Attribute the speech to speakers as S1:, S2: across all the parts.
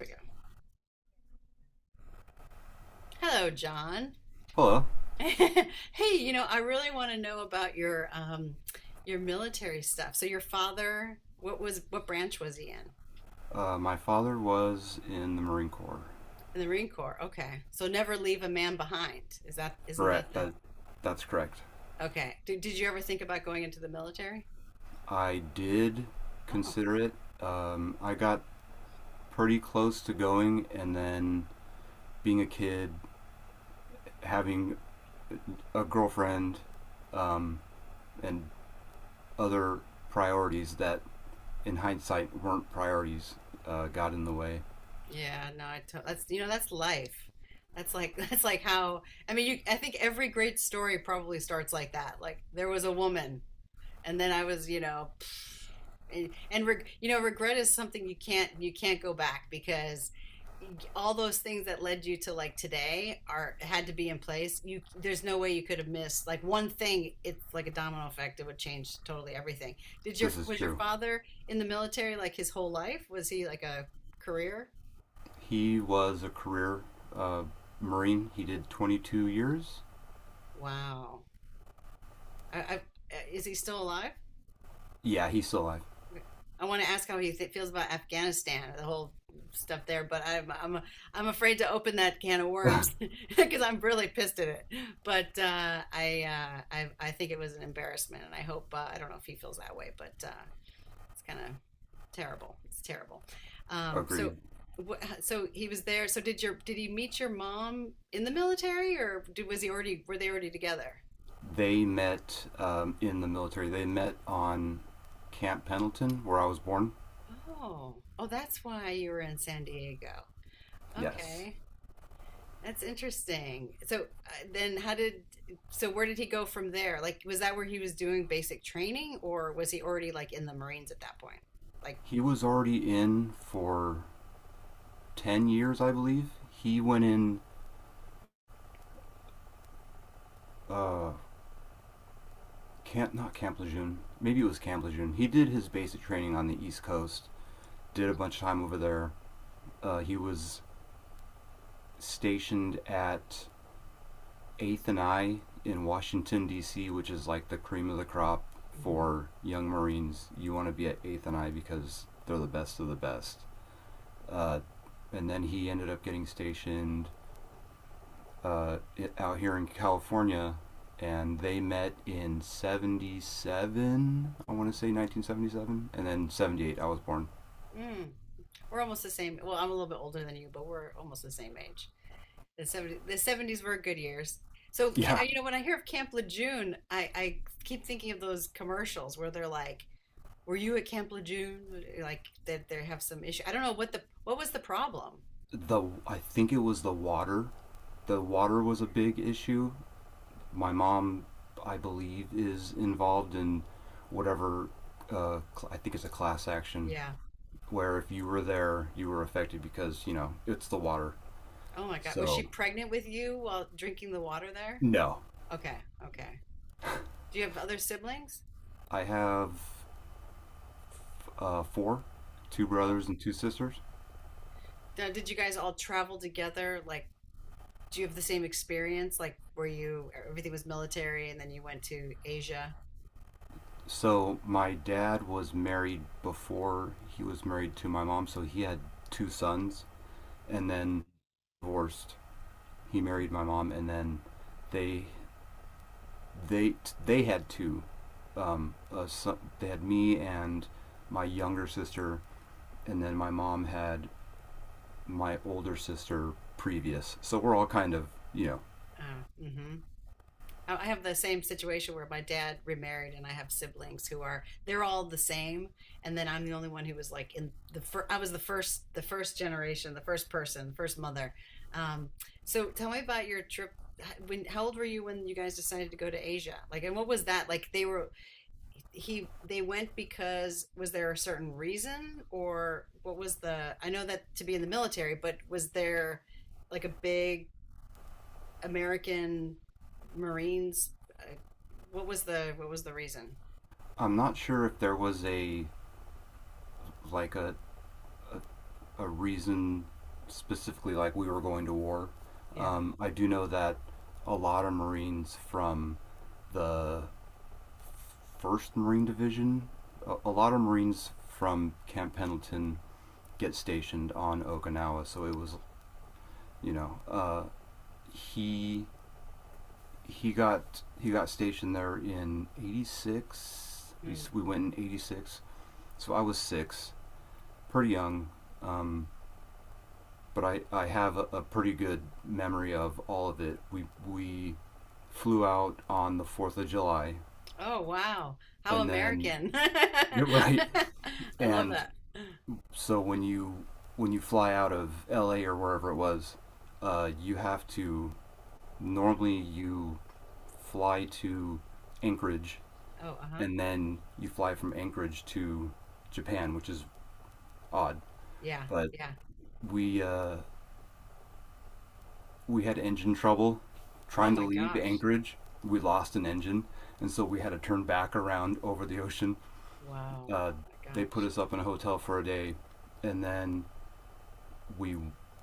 S1: We go. Hello, John.
S2: Hello.
S1: Hey, I really want to know about your military stuff. So your father, what branch was he in?
S2: My father was in the Marine Corps.
S1: In the Marine Corps. Okay. So never leave a man behind. Is that isn't that
S2: Correct.
S1: the
S2: That's correct.
S1: Okay. Did you ever think about going into the military?
S2: I did
S1: Oh,
S2: consider it. I got pretty close to going, and then being a kid, having a girlfriend, um, and other priorities that, in hindsight, weren't priorities, got in the way.
S1: yeah, no, I to, that's you know, that's life. That's like that's like how I mean, you I think every great story probably starts like that. Like there was a woman and then I was, and, regret is something you can't go back because all those things that led you to like today are had to be in place you there's no way you could have missed like one thing. It's like a domino effect. It would change totally everything. did your
S2: This is
S1: was your
S2: true.
S1: father in the military like his whole life? Was he like a career?
S2: He was a career uh, Marine. He did 22 years.
S1: Wow. I, I, is he still alive?
S2: Yeah, he's still alive.
S1: Okay. I want to ask how he feels about Afghanistan, the whole stuff there, but I'm I'm afraid to open that can of worms because I'm really pissed at it. But I think it was an embarrassment, and I hope I don't know if he feels that way, but it's kind of terrible. It's terrible. So
S2: Agreed.
S1: what, so he was there. So did he meet your mom in the military, or did, was he already were they already together?
S2: They met in the military. They met on Camp Pendleton, where I was born.
S1: Oh, oh, that's why you were in San Diego.
S2: Yes.
S1: Okay. That's interesting. So then how did so where did he go from there? Like was that where he was doing basic training or was he already like in the Marines at that point? Like
S2: He was already in for 10 years, I believe. He went in, uh, not Camp Lejeune, maybe it was Camp Lejeune. He did his basic training on the East Coast, did a
S1: oh,
S2: bunch of time over there. He was stationed at Eighth and I in Washington D.C., which is like the cream of the crop
S1: mhm,
S2: for young Marines. You want to be at Eighth and I because they're the best of the best. Uh, and then he ended up getting stationed uh, out here in California, and they met in '77. I want
S1: mhm.
S2: to say 1977, and then '78 I was born.
S1: Mm, we're almost the same. Well, I'm a little bit older than you, but we're almost the same age. The 70s were good years. So
S2: Yeah.
S1: you know when I hear of Camp Lejeune, I keep thinking of those commercials where they're like, "Were you at Camp Lejeune?" Like that they have some issue. I don't know what was the problem.
S2: The I think it was the water. The water was a big issue. My mom, I believe, is involved in whatever, uh, I think it's a class action
S1: Yeah.
S2: where if you were there, you were affected because you know it's the water.
S1: Oh my God. Was she
S2: So
S1: pregnant with you while drinking the water there?
S2: no,
S1: Okay. Okay. Do you have other siblings?
S2: I have four, two
S1: Oh.
S2: brothers and two sisters.
S1: Did you guys all travel together? Like, do you have the same experience? Like, were you, everything was military and then you went to Asia?
S2: So my dad was married before he was married to my mom, so he had two sons and then divorced. He
S1: Mhm.
S2: married my mom, and then they they they had they had me and my younger sister, and then my mom had my older sister previous. So we're all kind of, you know,
S1: Oh, mm-hmm. I have the same situation where my dad remarried, and I have siblings who are they're all the same, and then I'm the only one who was like in the first. I was the first generation, the first person, the first mother. Um, so tell me about your trip. When how old were you when you guys decided to go to Asia? Like, and what was that like? They were he they went because was there a certain reason or what was the? I know that to be in the military, but was there like a big American Marines. Uh, what was the reason?
S2: I'm not sure if there was a like a reason specifically like we were going to war.
S1: Yeah.
S2: I do know that a lot of Marines from the First Marine Division, a lot of Marines from Camp Pendleton get stationed on Okinawa. So it was, you know, he he got stationed there in '86. We
S1: Mm,
S2: we went
S1: mhm.
S2: in '86, so I was six, pretty young, um, but I have a pretty good memory of all of it. We flew out on the Fourth of July,
S1: Oh, wow. How
S2: and then
S1: American. I
S2: you're right.
S1: love
S2: And
S1: that.
S2: so when you fly out of L.A. or wherever it was, you have to normally you fly to Anchorage,
S1: Oh, uh-huh.
S2: and then you fly from Anchorage to Japan, which is odd.
S1: Yeah,
S2: But
S1: yeah.
S2: we uh, we had engine trouble
S1: Oh
S2: trying to
S1: my
S2: leave
S1: gosh.
S2: Anchorage. We lost an engine, and so we had to turn back around over the ocean.
S1: Wow.
S2: Uh,
S1: My
S2: they put
S1: gosh.
S2: us up in a hotel for a day, and then we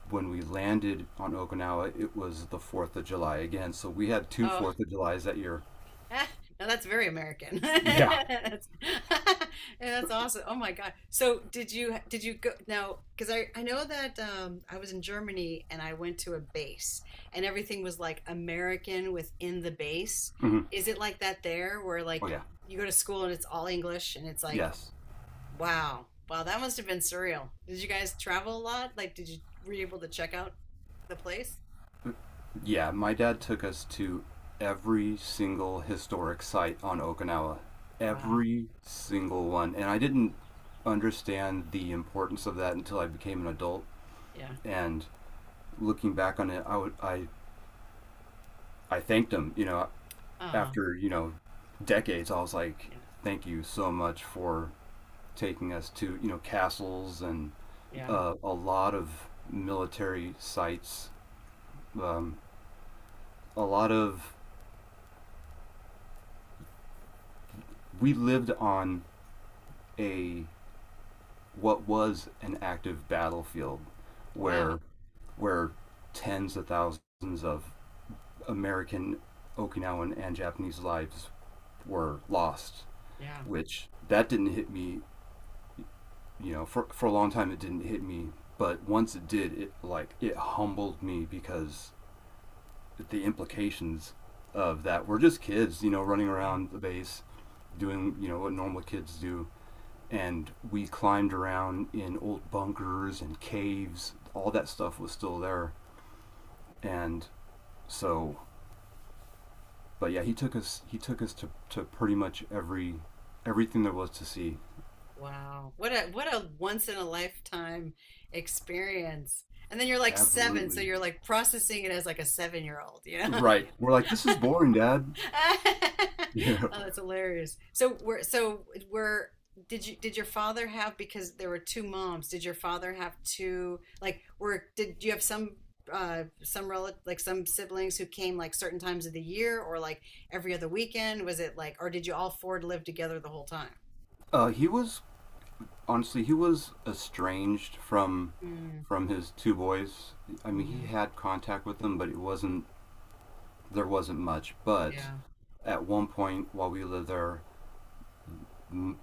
S2: when we landed on Okinawa, it was the Fourth of July again. So we had two
S1: Oh,
S2: Fourth of Julys that year.
S1: Ah, now that's very American.
S2: Yeah.
S1: That's, that's awesome. Oh my God. So did you go now? Because I know that I was in Germany and I went to a base and everything was like American within the base.
S2: Mhm.
S1: Is it like that there where
S2: Oh
S1: like
S2: yeah.
S1: you go to school and it's all English and it's like
S2: Yes.
S1: wow wow that must have been surreal. Did you guys travel a lot? Like did you were you able to check out the place?
S2: Yeah, my dad took us to every single historic site on Okinawa.
S1: Wow.
S2: Every single one. And I didn't understand the importance of that until I became an adult.
S1: Yeah.
S2: And looking back on it, I would I thanked him, you know,
S1: Um.
S2: after, you know, decades. I was like,
S1: Yeah.
S2: thank you so much for taking us to, you know, castles and,
S1: Yeah.
S2: a lot of military sites. Um, a lot of we lived on a what was an active battlefield where
S1: Wow.
S2: where tens of thousands of American, Okinawan, and Japanese lives were lost.
S1: Yeah.
S2: Which that didn't hit me, you know, for a long time it didn't hit me, but once it did, it like it humbled me because the implications of that were just kids, you know, running
S1: Yeah.
S2: around the base, doing you know what normal kids do, and we climbed around in old bunkers and caves. All that stuff was still there, and so, but yeah, he took us. He took us to pretty much everything there was to see.
S1: Wow. What a once in a lifetime experience. And then you're like seven, so
S2: Absolutely
S1: you're like processing it as like a 7 year old, you know?
S2: right. We're like, this is boring, Dad. Yeah.
S1: Oh, that's hilarious. So we're did you did your father have, because there were two moms, did your father have two like were did you have some relative like some siblings who came like certain times of the year or like every other weekend? Was it like or did you all four live together the whole time?
S2: Uh, he was he was estranged
S1: Mm,
S2: from his two boys. I mean, he
S1: mhm.
S2: had contact with them, but it wasn't there wasn't much. But
S1: Yeah.
S2: at one point while we lived there,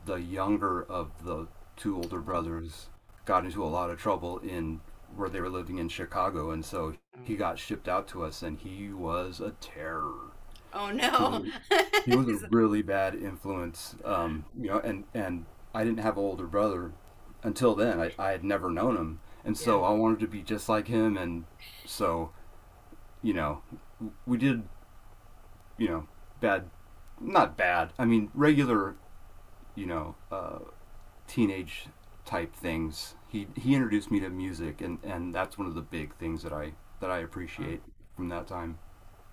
S2: the younger of the two older
S1: Oh.
S2: brothers got into a lot of trouble in where they were living in Chicago, and so
S1: Oh,
S2: he got shipped out to us, and he was a terror.
S1: Oh
S2: He was
S1: no.
S2: he was a really bad influence, you know. And I didn't have an older brother until then. I had never known him, and
S1: yeah.
S2: so I wanted to be just like him, and so you know, we did you know bad, not bad. I mean regular you know, teenage type things. He introduced me to music, and that's one of the big things that I
S1: Wow.
S2: appreciate from that time.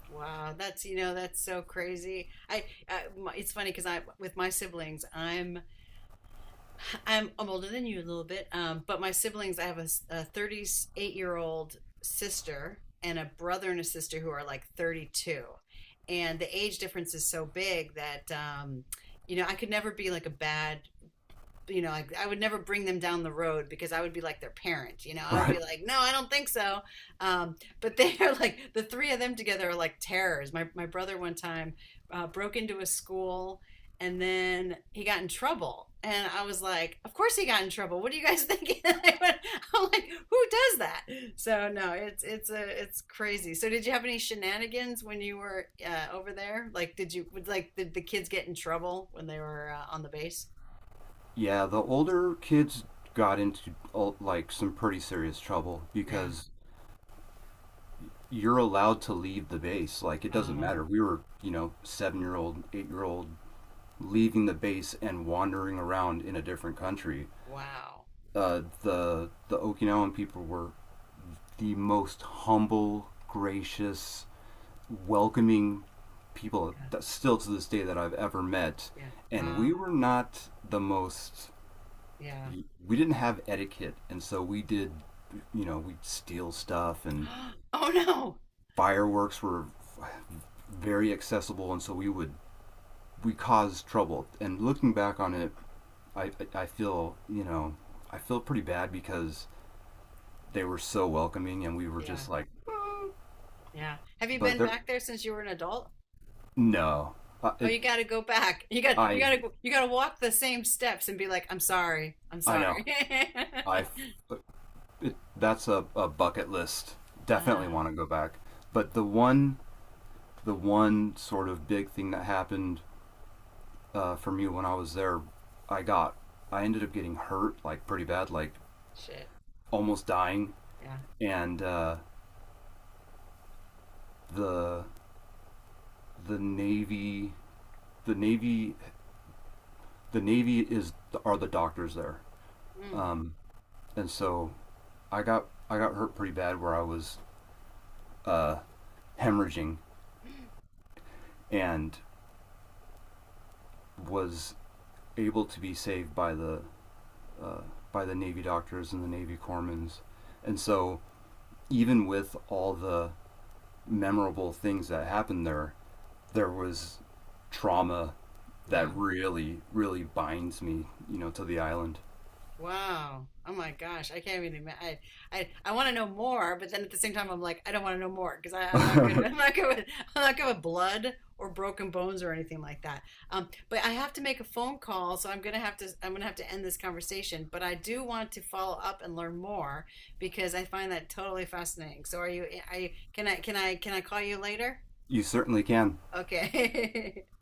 S1: Wow, that's you know that's so crazy. I, my- it's funny because I with my siblings I'm I'm older than you a little bit, but my siblings I have a, 38-year-old sister and a brother and a sister who are like 32, and the age difference is so big that you know I could never be like a bad you know, like I would never bring them down the road because I would be like their parent, you know. I would
S2: Right?
S1: be like, no, I don't think so. Um, but they're like the three of them together are like terrors. My brother one time broke into a school and then he got in trouble. And I was like, of course he got in trouble. What are you guys thinking? I'm like, who does that? So no, it's crazy. So did you have any shenanigans when you were over there? Like, did you like did the kids get in trouble when they were on the base?
S2: Yeah, the older kids got into, like some pretty serious trouble
S1: Yeah.
S2: because you're allowed to leave the base. Like it doesn't
S1: Oh,
S2: matter. We were you know 7-year old, 8-year old leaving the base and wandering around in a different country.
S1: wow.
S2: The Okinawan people were the most humble, gracious, welcoming people
S1: Yeah,
S2: that still to this day that I've ever met.
S1: yeah.
S2: And we
S1: Wow.
S2: were not the most,
S1: Yeah.
S2: we didn't have etiquette. And so we did, you know, we'd steal stuff and
S1: Oh no.
S2: fireworks were very accessible. And so we would, we caused trouble. And looking back on it, I feel, you know, I feel pretty bad because they were so welcoming and we were
S1: Yeah,
S2: just like,
S1: yeah. Have you
S2: but
S1: been
S2: they're,
S1: back there since you were an adult?
S2: no, uh,
S1: Oh,
S2: it,
S1: you got to go back. You got you
S2: I,
S1: got to you got to walk the same steps and be like, "I'm sorry. I'm
S2: I know.
S1: sorry."
S2: I that's a bucket list. Definitely
S1: Ah,
S2: want to go back. But the one sort of big thing that happened, for me when I was there, I got I ended up getting hurt like pretty bad, like
S1: shit.
S2: almost dying.
S1: Yeah.
S2: And the the navy the navy the navy, is are the doctors there.
S1: Mm,
S2: Um, and so I got hurt pretty bad where I was, uh, hemorrhaging and was able to be saved by the, uh, Navy doctors and the Navy corpsmen. And so, even with all the memorable things that happened there, there was trauma
S1: yeah.
S2: that really, really binds me, you know, to the island.
S1: Wow. Oh my gosh. I can't even imagine. I want to know more, but then at the same time, I'm like, I don't want to know more because I'm not good. I'm not good with blood or broken bones or anything like that. But I have to make a phone call, so I'm gonna have to end this conversation. But I do want to follow up and learn more because I find that totally fascinating. So are you, are you, can I call you later?
S2: You certainly can.
S1: Okay.